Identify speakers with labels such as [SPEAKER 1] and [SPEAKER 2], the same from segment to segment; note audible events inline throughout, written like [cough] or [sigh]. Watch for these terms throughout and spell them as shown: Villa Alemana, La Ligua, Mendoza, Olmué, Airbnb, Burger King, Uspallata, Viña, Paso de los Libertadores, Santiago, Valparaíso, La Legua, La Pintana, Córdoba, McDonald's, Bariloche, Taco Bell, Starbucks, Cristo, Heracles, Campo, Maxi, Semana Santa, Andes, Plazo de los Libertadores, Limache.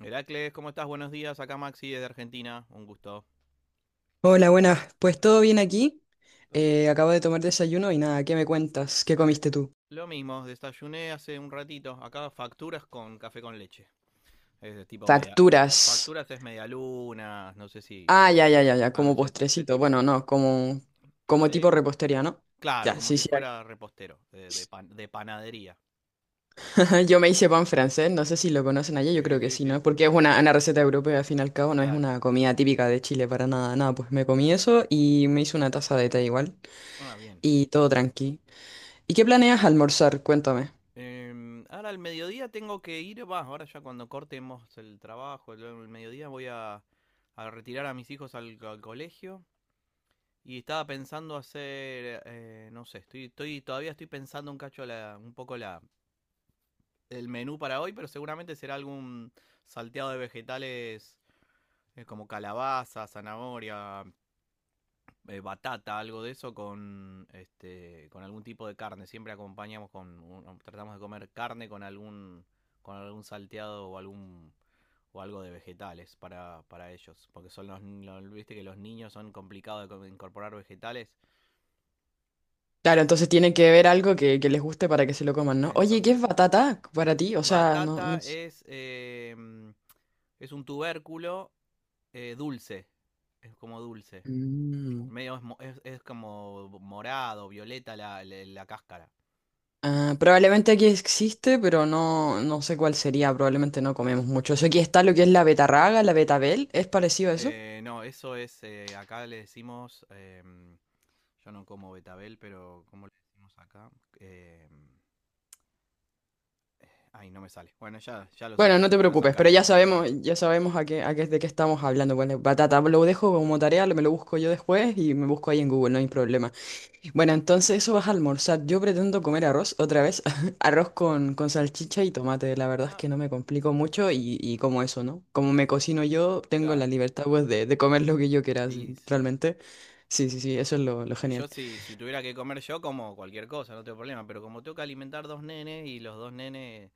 [SPEAKER 1] Heracles, ¿cómo estás? Buenos días. Acá Maxi desde Argentina. Un gusto.
[SPEAKER 2] Hola, buenas. Pues todo bien aquí.
[SPEAKER 1] Todo no.
[SPEAKER 2] Acabo de tomar desayuno y nada, ¿qué me cuentas? ¿Qué comiste tú?
[SPEAKER 1] Lo mismo, desayuné hace un ratito. Acá facturas con café con leche. Es de tipo media.
[SPEAKER 2] Facturas.
[SPEAKER 1] Facturas es medialunas, no sé si.
[SPEAKER 2] Ah, ya, ya, ya, ya,
[SPEAKER 1] Ah,
[SPEAKER 2] como
[SPEAKER 1] ese
[SPEAKER 2] postrecito.
[SPEAKER 1] tipo.
[SPEAKER 2] Bueno, no, como, como
[SPEAKER 1] Eh,
[SPEAKER 2] tipo repostería, ¿no?
[SPEAKER 1] claro,
[SPEAKER 2] Ya,
[SPEAKER 1] como
[SPEAKER 2] sí,
[SPEAKER 1] si
[SPEAKER 2] sí.
[SPEAKER 1] fuera repostero, de panadería.
[SPEAKER 2] [laughs] Yo me hice pan francés, no sé si lo conocen allá, yo
[SPEAKER 1] Sí,
[SPEAKER 2] creo que
[SPEAKER 1] sí,
[SPEAKER 2] sí,
[SPEAKER 1] sí.
[SPEAKER 2] ¿no? Porque es una receta europea, al fin y al cabo, no es
[SPEAKER 1] Claro.
[SPEAKER 2] una comida típica de Chile para nada, nada. Pues me comí eso y me hice una taza de té igual.
[SPEAKER 1] Ah, bien.
[SPEAKER 2] Y todo tranqui. ¿Y qué planeas almorzar? Cuéntame.
[SPEAKER 1] Ahora al mediodía tengo que ir. Va, ahora ya cuando cortemos el trabajo, el mediodía voy a retirar a mis hijos al colegio. Y estaba pensando hacer, no sé, todavía estoy pensando un cacho la, un poco la, el menú para hoy, pero seguramente será algún salteado de vegetales, como calabaza, zanahoria, batata, algo de eso con, con algún tipo de carne. Siempre acompañamos con, tratamos de comer carne con algún, salteado o algún o algo de vegetales para ellos, porque son los, viste que los niños son complicados de incorporar vegetales.
[SPEAKER 2] Claro, entonces tienen que ver algo que les guste para que se lo coman, ¿no? Oye, ¿qué es
[SPEAKER 1] Entonces,
[SPEAKER 2] batata para ti? O sea, no, no
[SPEAKER 1] Batata
[SPEAKER 2] s-
[SPEAKER 1] es, eh, mm, es un tubérculo, dulce. Es como dulce.
[SPEAKER 2] Mm.
[SPEAKER 1] Medio es, mo- es como morado, violeta la cáscara.
[SPEAKER 2] Ah, probablemente aquí existe, pero no, no sé cuál sería. Probablemente no comemos mucho. Eso aquí
[SPEAKER 1] Mm,
[SPEAKER 2] está lo que es la betarraga, la betabel. ¿Es parecido a eso?
[SPEAKER 1] no, eso es. Acá le decimos. Yo no como betabel, pero ¿cómo le decimos acá? Em, Ay, no me sale. Bueno,
[SPEAKER 2] Bueno, no te
[SPEAKER 1] ya lo
[SPEAKER 2] preocupes, pero
[SPEAKER 1] sacaremos, no hay problema.
[SPEAKER 2] ya sabemos a qué, de qué estamos hablando. Bueno, batata, lo dejo como tarea, lo- me lo busco yo después y me busco ahí en Google, no hay problema. Bueno, entonces eso vas a almorzar. Yo pretendo comer arroz otra vez. [laughs] Arroz con salchicha y tomate. La verdad es
[SPEAKER 1] Ah,
[SPEAKER 2] que no me complico mucho y como eso, ¿no? Como me cocino yo, tengo la
[SPEAKER 1] claro.
[SPEAKER 2] libertad pues de comer lo que yo quiera, s-
[SPEAKER 1] Y sí.
[SPEAKER 2] realmente. Sí, sí, sí, eso es lo genial.
[SPEAKER 1] Yo si tuviera que comer yo como cualquier cosa, no tengo problema, pero como tengo que alimentar dos nenes y los dos nenes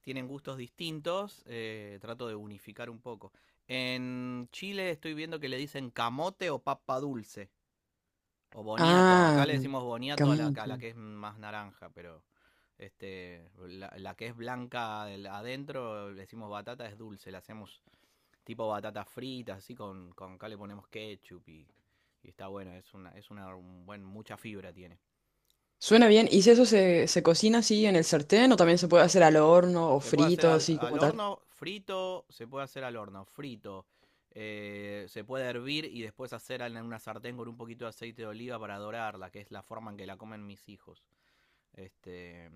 [SPEAKER 1] tienen gustos distintos, trato de unificar un poco. En Chile estoy viendo que le dicen camote o papa dulce o boniato. Acá
[SPEAKER 2] Ah,
[SPEAKER 1] le decimos boniato a la, a
[SPEAKER 2] camucho.
[SPEAKER 1] la que es más naranja, pero la que es blanca adentro le decimos batata es dulce, le hacemos tipo batatas fritas, así con acá le ponemos ketchup y está bueno, es una un buen, mucha fibra tiene.
[SPEAKER 2] Suena bien. ¿Y si eso se, se cocina así en el sartén o también se puede hacer al horno o
[SPEAKER 1] Se puede hacer
[SPEAKER 2] frito,
[SPEAKER 1] al,
[SPEAKER 2] así
[SPEAKER 1] al
[SPEAKER 2] como tal?
[SPEAKER 1] horno frito, se puede hervir y después hacer en una sartén con un poquito de aceite de oliva para dorarla, que es la forma en que la comen mis hijos. Este,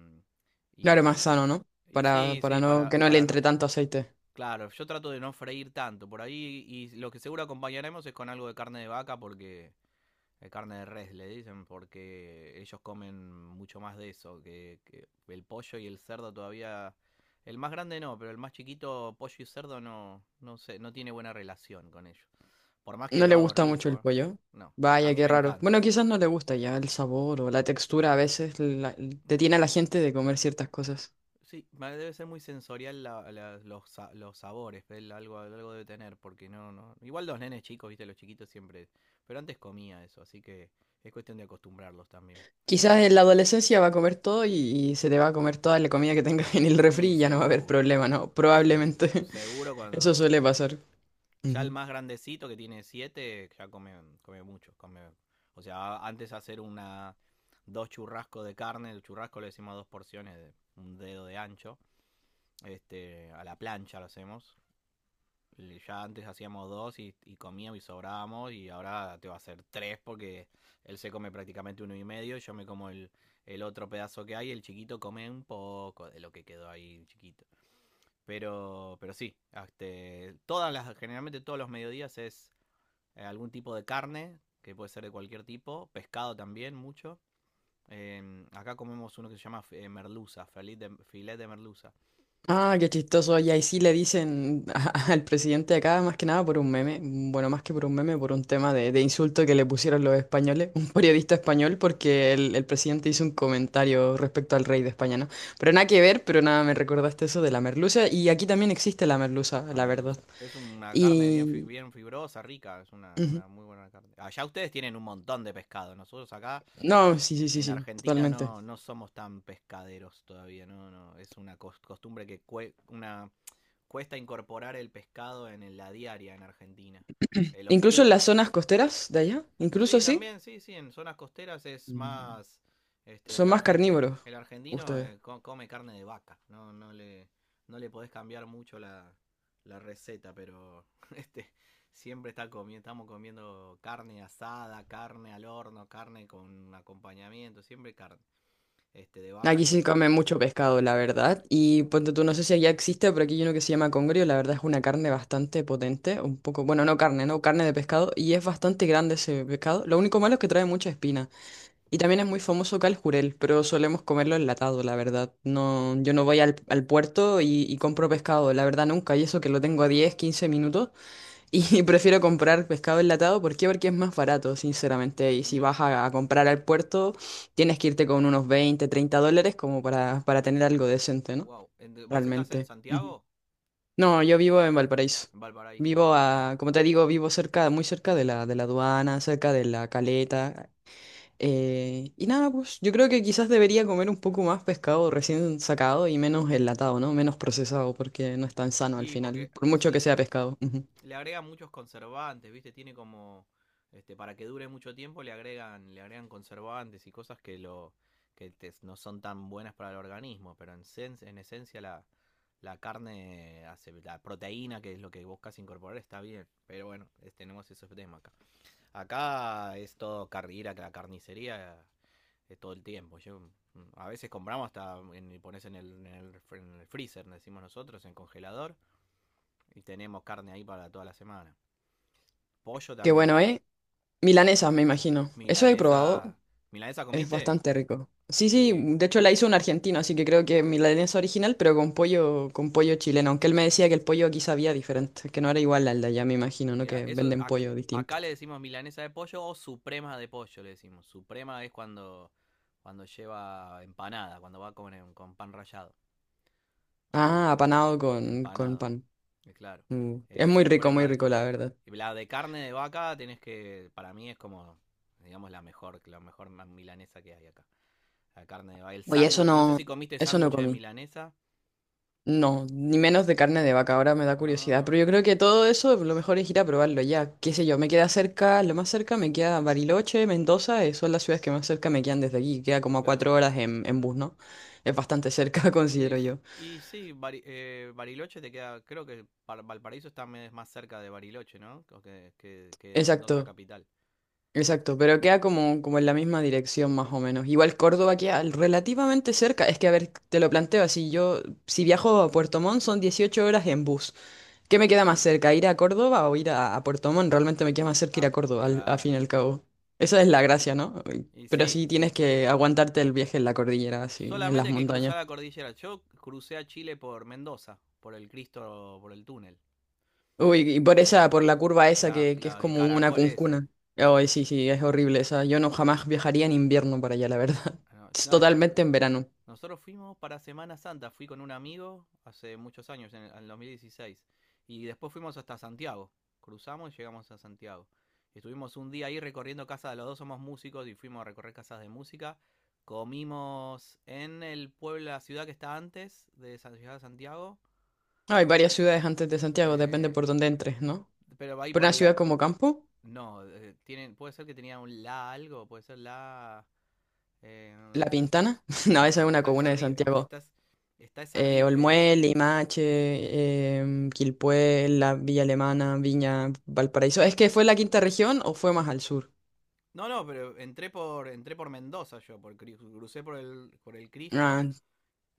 [SPEAKER 2] Claro, más
[SPEAKER 1] y,
[SPEAKER 2] sano, ¿no?
[SPEAKER 1] y sí,
[SPEAKER 2] Para
[SPEAKER 1] sí,
[SPEAKER 2] no,
[SPEAKER 1] para,
[SPEAKER 2] que no le
[SPEAKER 1] para no.
[SPEAKER 2] entre tanto aceite.
[SPEAKER 1] Claro, yo trato de no freír tanto por ahí y lo que seguro acompañaremos es con algo de carne de vaca porque carne de res le dicen porque ellos comen mucho más de eso, que el pollo y el cerdo todavía. El más grande no, pero el más chiquito, pollo y cerdo, no, no sé, no tiene buena relación con ellos. Por más que
[SPEAKER 2] No
[SPEAKER 1] lo
[SPEAKER 2] le
[SPEAKER 1] hago
[SPEAKER 2] gusta mucho el
[SPEAKER 1] rico, ¿eh?
[SPEAKER 2] pollo.
[SPEAKER 1] No. A
[SPEAKER 2] Vaya,
[SPEAKER 1] mí
[SPEAKER 2] qué
[SPEAKER 1] me
[SPEAKER 2] raro.
[SPEAKER 1] encanta.
[SPEAKER 2] Bueno, quizás no le gusta ya el sabor o la textura. A veces la- detiene
[SPEAKER 1] Pa-
[SPEAKER 2] a la gente de comer
[SPEAKER 1] claro.
[SPEAKER 2] ciertas cosas.
[SPEAKER 1] Sí, debe ser muy sensorial los sabores, pero él algo debe tener, porque no, no. Igual los nenes chicos, viste, los chiquitos siempre. Pero antes comía eso, así que es cuestión de acostumbrarlos también.
[SPEAKER 2] Quizás en la adolescencia va a comer todo y se te va a comer toda la comida que tengas [laughs] en el refri
[SPEAKER 1] Y
[SPEAKER 2] y ya no va a haber
[SPEAKER 1] seguro.
[SPEAKER 2] problema, ¿no?
[SPEAKER 1] Seguro.
[SPEAKER 2] Probablemente.
[SPEAKER 1] Seguro
[SPEAKER 2] [laughs] Eso
[SPEAKER 1] cuando.
[SPEAKER 2] suele pasar.
[SPEAKER 1] Ya el
[SPEAKER 2] Ujú.
[SPEAKER 1] más grandecito que tiene siete, ya come mucho. Come, o sea, antes hacer una dos churrascos de carne, el churrasco le decimos dos porciones de un dedo de ancho. A la plancha lo hacemos. Y ya antes hacíamos dos y comíamos y sobrábamos y ahora te va a hacer tres porque él se come prácticamente uno y medio, yo me como el otro pedazo que hay, y el chiquito come un poco de lo que quedó ahí chiquito. Pero sí, generalmente todos los mediodías es, algún tipo de carne, que puede ser de cualquier tipo, pescado también mucho. Acá comemos uno que se llama, merluza, filet de merluza.
[SPEAKER 2] Ah, qué chistoso. Y ahí sí le dicen [laughs] a- al presidente de acá, más que nada por un meme, bueno, más que por un meme, por un tema de insulto que le pusieron los españoles, [laughs] un periodista español, porque el presidente hizo un comentario respecto al rey de España, ¿no? Pero nada que ver, pero nada, me recordaste eso de la merluza, y aquí también existe la merluza,
[SPEAKER 1] Una
[SPEAKER 2] la verdad.
[SPEAKER 1] merluza. Es una carne bien,
[SPEAKER 2] Y...
[SPEAKER 1] bien fibrosa, rica, es una,
[SPEAKER 2] ujú.
[SPEAKER 1] una muy buena carne. Allá ustedes tienen un montón de pescado, nosotros acá,
[SPEAKER 2] No, sí, sí, sí,
[SPEAKER 1] en
[SPEAKER 2] sí,
[SPEAKER 1] Argentina
[SPEAKER 2] totalmente.
[SPEAKER 1] no, no somos tan pescaderos todavía, no, no, es una costumbre que una cuesta incorporar el pescado en la diaria en Argentina. Los
[SPEAKER 2] Incluso en las
[SPEAKER 1] tipos.
[SPEAKER 2] zonas costeras de allá, incluso
[SPEAKER 1] Sí,
[SPEAKER 2] sí,
[SPEAKER 1] también, sí, sí, en zonas costeras es
[SPEAKER 2] Mm.
[SPEAKER 1] más. Este, el,
[SPEAKER 2] Son más
[SPEAKER 1] argen- eh,
[SPEAKER 2] carnívoros
[SPEAKER 1] el argentino,
[SPEAKER 2] ustedes.
[SPEAKER 1] come carne de vaca, no, no le podés cambiar mucho la receta, pero [laughs] este, siempre está estamos comiendo carne asada, carne al horno, carne con acompañamiento, siempre carne, de vaca
[SPEAKER 2] Aquí
[SPEAKER 1] que
[SPEAKER 2] se
[SPEAKER 1] es.
[SPEAKER 2] come mucho pescado, la verdad. Y ponte tú, no sé si allá existe, pero aquí hay uno que se llama congrio. La verdad es una carne bastante potente. Un poco, bueno, no carne, no carne de pescado. Y es bastante grande ese pescado. Lo único malo es que trae mucha espina. Y también es muy famoso acá el jurel, pero solemos comerlo enlatado, la verdad. No, yo no voy al, al puerto y compro pescado, la verdad nunca. Y eso que lo tengo a 10 o 15 minutos. Y [laughs] prefiero comprar pescado enlatado, ¿por qué? Porque es más barato, sinceramente. Y si
[SPEAKER 1] Mira,
[SPEAKER 2] vas a comprar al puerto, tienes que irte con unos 20 o 30 dólares como para tener algo decente, ¿no?
[SPEAKER 1] wow. ¿Vos estás en
[SPEAKER 2] Realmente. Ujú.
[SPEAKER 1] Santiago?
[SPEAKER 2] No, yo vivo en Valparaíso.
[SPEAKER 1] En Valparaíso,
[SPEAKER 2] Vivo
[SPEAKER 1] wow.
[SPEAKER 2] a, como te digo, vivo cerca, muy cerca de la aduana, cerca de la Caleta. Y nada, pues yo creo que quizás debería comer un poco más pescado recién sacado y menos enlatado, ¿no? Menos procesado, porque no es tan sano al
[SPEAKER 1] Y
[SPEAKER 2] final,
[SPEAKER 1] porque
[SPEAKER 2] por
[SPEAKER 1] eso,
[SPEAKER 2] mucho que sea pescado. Ujú.
[SPEAKER 1] le agregan muchos conservantes, ¿viste? Tiene como. Para que dure mucho tiempo le agregan conservantes y cosas que lo. No son tan buenas para el organismo. Pero en esencia la carne la proteína, que es lo que buscas incorporar, está bien. Pero bueno, tenemos esos temas acá. Acá es todo ir a la carnicería es todo el tiempo. Yo, a veces compramos hasta y pones en el freezer, decimos nosotros, en congelador, y tenemos carne ahí para toda la semana, pollo
[SPEAKER 2] Qué
[SPEAKER 1] también.
[SPEAKER 2] bueno, ¿eh? Milanesas, me imagino. Eso he probado.
[SPEAKER 1] Milanesa. ¿Milanesa
[SPEAKER 2] Es
[SPEAKER 1] comiste?
[SPEAKER 2] bastante rico. Sí, sí,
[SPEAKER 1] Sí.
[SPEAKER 2] de hecho la hizo un argentino, así que creo que milanesa original, pero con pollo chileno. Aunque él me decía que el pollo aquí sabía diferente, que no era igual al de allá, me imagino, ¿no?
[SPEAKER 1] Mira,
[SPEAKER 2] Que
[SPEAKER 1] eso
[SPEAKER 2] venden pollo distinto.
[SPEAKER 1] acá le decimos milanesa de pollo o suprema de pollo le decimos. Suprema es cuando lleva empanada, cuando va con, con pan rallado
[SPEAKER 2] Ah,
[SPEAKER 1] arriba, es
[SPEAKER 2] apanado con
[SPEAKER 1] empanado,
[SPEAKER 2] pan.
[SPEAKER 1] es claro.
[SPEAKER 2] Mm. Es muy
[SPEAKER 1] Suprema de
[SPEAKER 2] rico, la
[SPEAKER 1] pollo.
[SPEAKER 2] verdad.
[SPEAKER 1] Y la de carne de vaca tenés que para mí es como, digamos, la mejor milanesa que hay acá. La carne de vaca, el
[SPEAKER 2] Oye,
[SPEAKER 1] sándwich, no sé si comiste
[SPEAKER 2] eso no
[SPEAKER 1] sándwich de
[SPEAKER 2] comí.
[SPEAKER 1] milanesa.
[SPEAKER 2] No, ni menos de carne de vaca, ahora me da curiosidad, pero
[SPEAKER 1] Ah,
[SPEAKER 2] yo creo que todo eso lo mejor es ir a probarlo ya, qué sé yo, me queda cerca, lo más cerca me queda Bariloche, Mendoza, son las ciudades que más cerca me quedan desde aquí, queda como a
[SPEAKER 1] claro.
[SPEAKER 2] 4 horas en bus, ¿no? Es bastante cerca, [laughs]
[SPEAKER 1] Y,
[SPEAKER 2] considero
[SPEAKER 1] s-
[SPEAKER 2] yo.
[SPEAKER 1] y sí, Bariloche te queda, creo que Valparaíso está más cerca de Bariloche, ¿no? O que Mendoza
[SPEAKER 2] Exacto,
[SPEAKER 1] capital.
[SPEAKER 2] exacto, pero queda como, como en la misma dirección más o menos. Igual Córdoba queda relativamente cerca, es que a ver, te lo planteo así, yo si viajo a Puerto Montt son 18 horas en bus. ¿Qué me queda más cerca? ¿Ir a Córdoba o ir a Puerto Montt? Realmente me queda más cerca ir
[SPEAKER 1] Ah,
[SPEAKER 2] a Córdoba, al, a fin y
[SPEAKER 1] claro,
[SPEAKER 2] al cabo. Esa es
[SPEAKER 1] claro.
[SPEAKER 2] la gracia, ¿no?
[SPEAKER 1] Y
[SPEAKER 2] Pero
[SPEAKER 1] sí,
[SPEAKER 2] sí
[SPEAKER 1] sí.
[SPEAKER 2] tienes que aguantarte el viaje en la cordillera, así, en las
[SPEAKER 1] Solamente hay que
[SPEAKER 2] montañas.
[SPEAKER 1] cruzar la cordillera. Yo crucé a Chile por Mendoza, por el Cristo, por el túnel.
[SPEAKER 2] Uy, y por
[SPEAKER 1] El,
[SPEAKER 2] esa, por la curva esa
[SPEAKER 1] la-
[SPEAKER 2] que es
[SPEAKER 1] la- el
[SPEAKER 2] como una
[SPEAKER 1] caracol ese.
[SPEAKER 2] cuncuna. Ay, sí, sí, es horrible esa. Yo no jamás viajaría en invierno para allá, la verdad. [laughs]
[SPEAKER 1] Ah,
[SPEAKER 2] Es
[SPEAKER 1] no, no, yo.
[SPEAKER 2] totalmente en verano.
[SPEAKER 1] Nosotros fuimos para Semana Santa, fui con un amigo hace muchos años, en el 2016, y después fuimos hasta Santiago, cruzamos y llegamos a Santiago. Estuvimos un día ahí recorriendo casas, los dos somos músicos y fuimos a recorrer casas de música. Comimos en el pueblo, la ciudad que está antes de San de Santiago,
[SPEAKER 2] Hay varias ciudades antes de Santiago, depende
[SPEAKER 1] eh,
[SPEAKER 2] por dónde entres, ¿no?
[SPEAKER 1] pero ahí
[SPEAKER 2] Por
[SPEAKER 1] por
[SPEAKER 2] una
[SPEAKER 1] el.
[SPEAKER 2] ciudad como Campo,
[SPEAKER 1] No, puede ser que tenía un la algo, puede ser la. eh,
[SPEAKER 2] La
[SPEAKER 1] bueno,
[SPEAKER 2] Pintana. [laughs] No, esa es
[SPEAKER 1] no,
[SPEAKER 2] una
[SPEAKER 1] está esa
[SPEAKER 2] comuna de
[SPEAKER 1] ri- est-
[SPEAKER 2] Santiago.
[SPEAKER 1] estás- está esa ri-
[SPEAKER 2] Olmué, Limache, Quilpué, la Villa Alemana, Viña, Valparaíso. ¿Es que fue la quinta región o fue más al sur?
[SPEAKER 1] no, no, pero entré por Mendoza yo, crucé por el Cristo
[SPEAKER 2] Ah,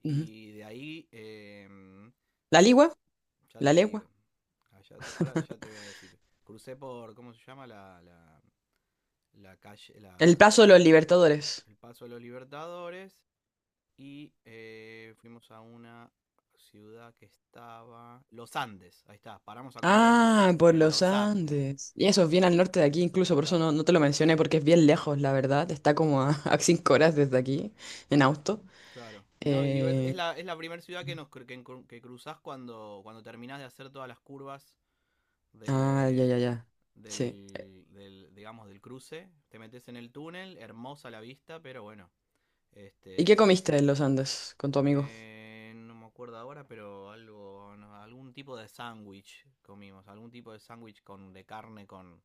[SPEAKER 2] ujú.
[SPEAKER 1] y de ahí,
[SPEAKER 2] ¿La
[SPEAKER 1] ya te,
[SPEAKER 2] Ligua?
[SPEAKER 1] ya
[SPEAKER 2] ¿La
[SPEAKER 1] te digo.
[SPEAKER 2] Legua?
[SPEAKER 1] Ah, ahora ya te voy a decir. Crucé por, ¿cómo se llama? La calle,
[SPEAKER 2] El
[SPEAKER 1] la,
[SPEAKER 2] Plazo de los Libertadores.
[SPEAKER 1] el Paso de los Libertadores y, fuimos a una ciudad que estaba. Los Andes, ahí está, paramos a comer en,
[SPEAKER 2] Ah, por
[SPEAKER 1] en
[SPEAKER 2] los
[SPEAKER 1] Los Andes.
[SPEAKER 2] Andes. Y eso es bien al norte de aquí, incluso por eso
[SPEAKER 1] Claro,
[SPEAKER 2] no, no te lo mencioné, porque es bien lejos, la verdad. Está como a, [laughs] a 5 horas desde aquí, en auto.
[SPEAKER 1] claro. No, y es
[SPEAKER 2] Eh,
[SPEAKER 1] la, es la primera ciudad que nos cru- que, encru- que cruzás cuando, terminás de hacer todas las curvas
[SPEAKER 2] ya,
[SPEAKER 1] de,
[SPEAKER 2] ya, ya. Sí.
[SPEAKER 1] digamos del cruce. Te metes en el túnel, hermosa la vista, pero bueno.
[SPEAKER 2] ¿Y qué
[SPEAKER 1] Este
[SPEAKER 2] comiste en los Andes con tu amigo?
[SPEAKER 1] no me acuerdo ahora, pero algo no, algún tipo de sándwich comimos, algún tipo de sándwich con de carne con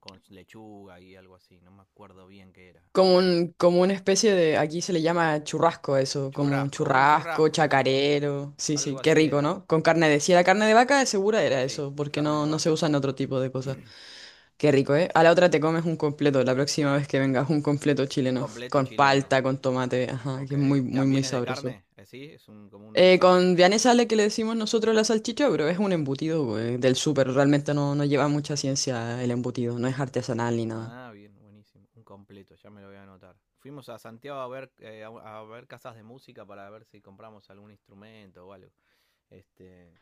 [SPEAKER 1] con lechuga y algo así, no me acuerdo bien qué era.
[SPEAKER 2] Como un, como una especie de, aquí se le llama churrasco a eso, como un
[SPEAKER 1] Churrasco, un
[SPEAKER 2] churrasco,
[SPEAKER 1] churrasco, sí.
[SPEAKER 2] chacarero, sí, sí,
[SPEAKER 1] Algo
[SPEAKER 2] qué
[SPEAKER 1] así
[SPEAKER 2] rico,
[SPEAKER 1] era.
[SPEAKER 2] ¿no? Con carne de, si era carne de vaca, de segura era
[SPEAKER 1] Sí,
[SPEAKER 2] eso, porque
[SPEAKER 1] carne de
[SPEAKER 2] no, no se
[SPEAKER 1] vaca.
[SPEAKER 2] usan otro tipo de cosas. Qué rico, ¿eh? A la otra te comes un completo, la próxima vez que vengas, un completo
[SPEAKER 1] Un
[SPEAKER 2] chileno,
[SPEAKER 1] completo
[SPEAKER 2] con
[SPEAKER 1] chileno.
[SPEAKER 2] palta, con tomate, ajá, que
[SPEAKER 1] Ok.
[SPEAKER 2] es muy, muy, muy
[SPEAKER 1] ¿También es de
[SPEAKER 2] sabroso.
[SPEAKER 1] carne? ¿Sí? Es un, como un... san-
[SPEAKER 2] Con vianesa le que le decimos nosotros la salchicha, pero es un embutido, güey, del súper, realmente no, no lleva mucha ciencia el embutido, no es artesanal ni nada.
[SPEAKER 1] Ah, bien, buenísimo. Un completo, ya me lo voy a anotar. Fuimos a Santiago a ver, a ver casas de música para ver si compramos algún instrumento o algo. Este,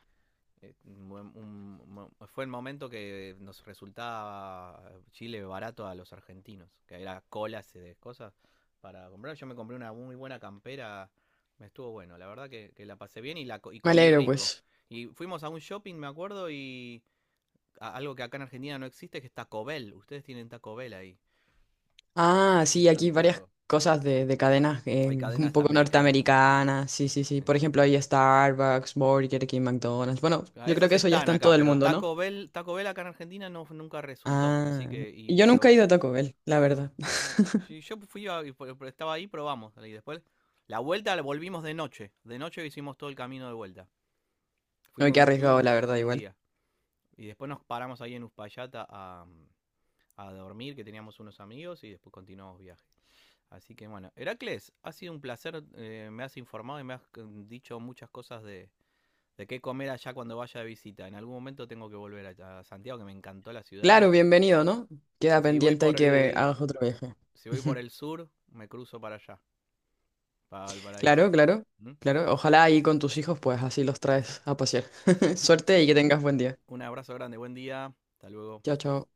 [SPEAKER 1] Eh, un Fue el momento que nos resultaba, Chile barato a los argentinos, que era colas y de cosas para comprar. Yo me compré una muy buena campera, me estuvo bueno, la verdad que, la pasé bien y, y
[SPEAKER 2] Me
[SPEAKER 1] comí
[SPEAKER 2] alegro,
[SPEAKER 1] rico.
[SPEAKER 2] pues.
[SPEAKER 1] Y fuimos a un shopping, me acuerdo, y algo que acá en Argentina no existe, que es Taco Bell. Ustedes tienen Taco Bell ahí,
[SPEAKER 2] Ah, sí,
[SPEAKER 1] en
[SPEAKER 2] aquí varias
[SPEAKER 1] Santiago.
[SPEAKER 2] cosas de cadenas
[SPEAKER 1] Hay
[SPEAKER 2] un
[SPEAKER 1] cadenas
[SPEAKER 2] poco
[SPEAKER 1] americanas,
[SPEAKER 2] norteamericanas. Sí, sí, sí. Por ejemplo, hay
[SPEAKER 1] exactamente.
[SPEAKER 2] Starbucks, Burger King, McDonald's. Bueno,
[SPEAKER 1] Ah,
[SPEAKER 2] yo creo
[SPEAKER 1] esas
[SPEAKER 2] que eso ya
[SPEAKER 1] están
[SPEAKER 2] está en todo
[SPEAKER 1] acá,
[SPEAKER 2] el
[SPEAKER 1] pero
[SPEAKER 2] mundo, ¿no?
[SPEAKER 1] Taco Bell acá en Argentina no, nunca resultó, así
[SPEAKER 2] Ah,
[SPEAKER 1] que, y,
[SPEAKER 2] y yo nunca
[SPEAKER 1] pero
[SPEAKER 2] he ido a Taco Bell, la verdad.
[SPEAKER 1] Ujú.
[SPEAKER 2] [laughs]
[SPEAKER 1] Sí, yo fui estaba ahí, probamos. Y después, la vuelta la volvimos de noche. De noche hicimos todo el camino de vuelta.
[SPEAKER 2] No, qué arriesgado,
[SPEAKER 1] Tuvimos
[SPEAKER 2] la
[SPEAKER 1] un,
[SPEAKER 2] verdad,
[SPEAKER 1] un
[SPEAKER 2] igual.
[SPEAKER 1] día. Y después nos paramos ahí en Uspallata a dormir, que teníamos unos amigos, y después continuamos viaje. Así que bueno, Heracles, ha sido un placer. Me has informado y me has, dicho muchas cosas de, qué comer allá cuando vaya de visita. En algún momento tengo que volver a Santiago, que me encantó la ciudad.
[SPEAKER 2] Claro,
[SPEAKER 1] Y bueno,
[SPEAKER 2] bienvenido, ¿no?
[SPEAKER 1] y
[SPEAKER 2] Queda
[SPEAKER 1] si voy
[SPEAKER 2] pendiente
[SPEAKER 1] por
[SPEAKER 2] y que ve-
[SPEAKER 1] el,
[SPEAKER 2] hagas otro viaje.
[SPEAKER 1] si voy por el,
[SPEAKER 2] [laughs]
[SPEAKER 1] sur, me cruzo para allá, para Valparaíso.
[SPEAKER 2] Claro, claro,
[SPEAKER 1] ¿Mm?
[SPEAKER 2] claro. Ojalá ahí con tus hijos, pues así los traes a pasear. [laughs] Suerte y que tengas buen día.
[SPEAKER 1] Un abrazo grande, buen día, hasta luego.
[SPEAKER 2] Chao, chao.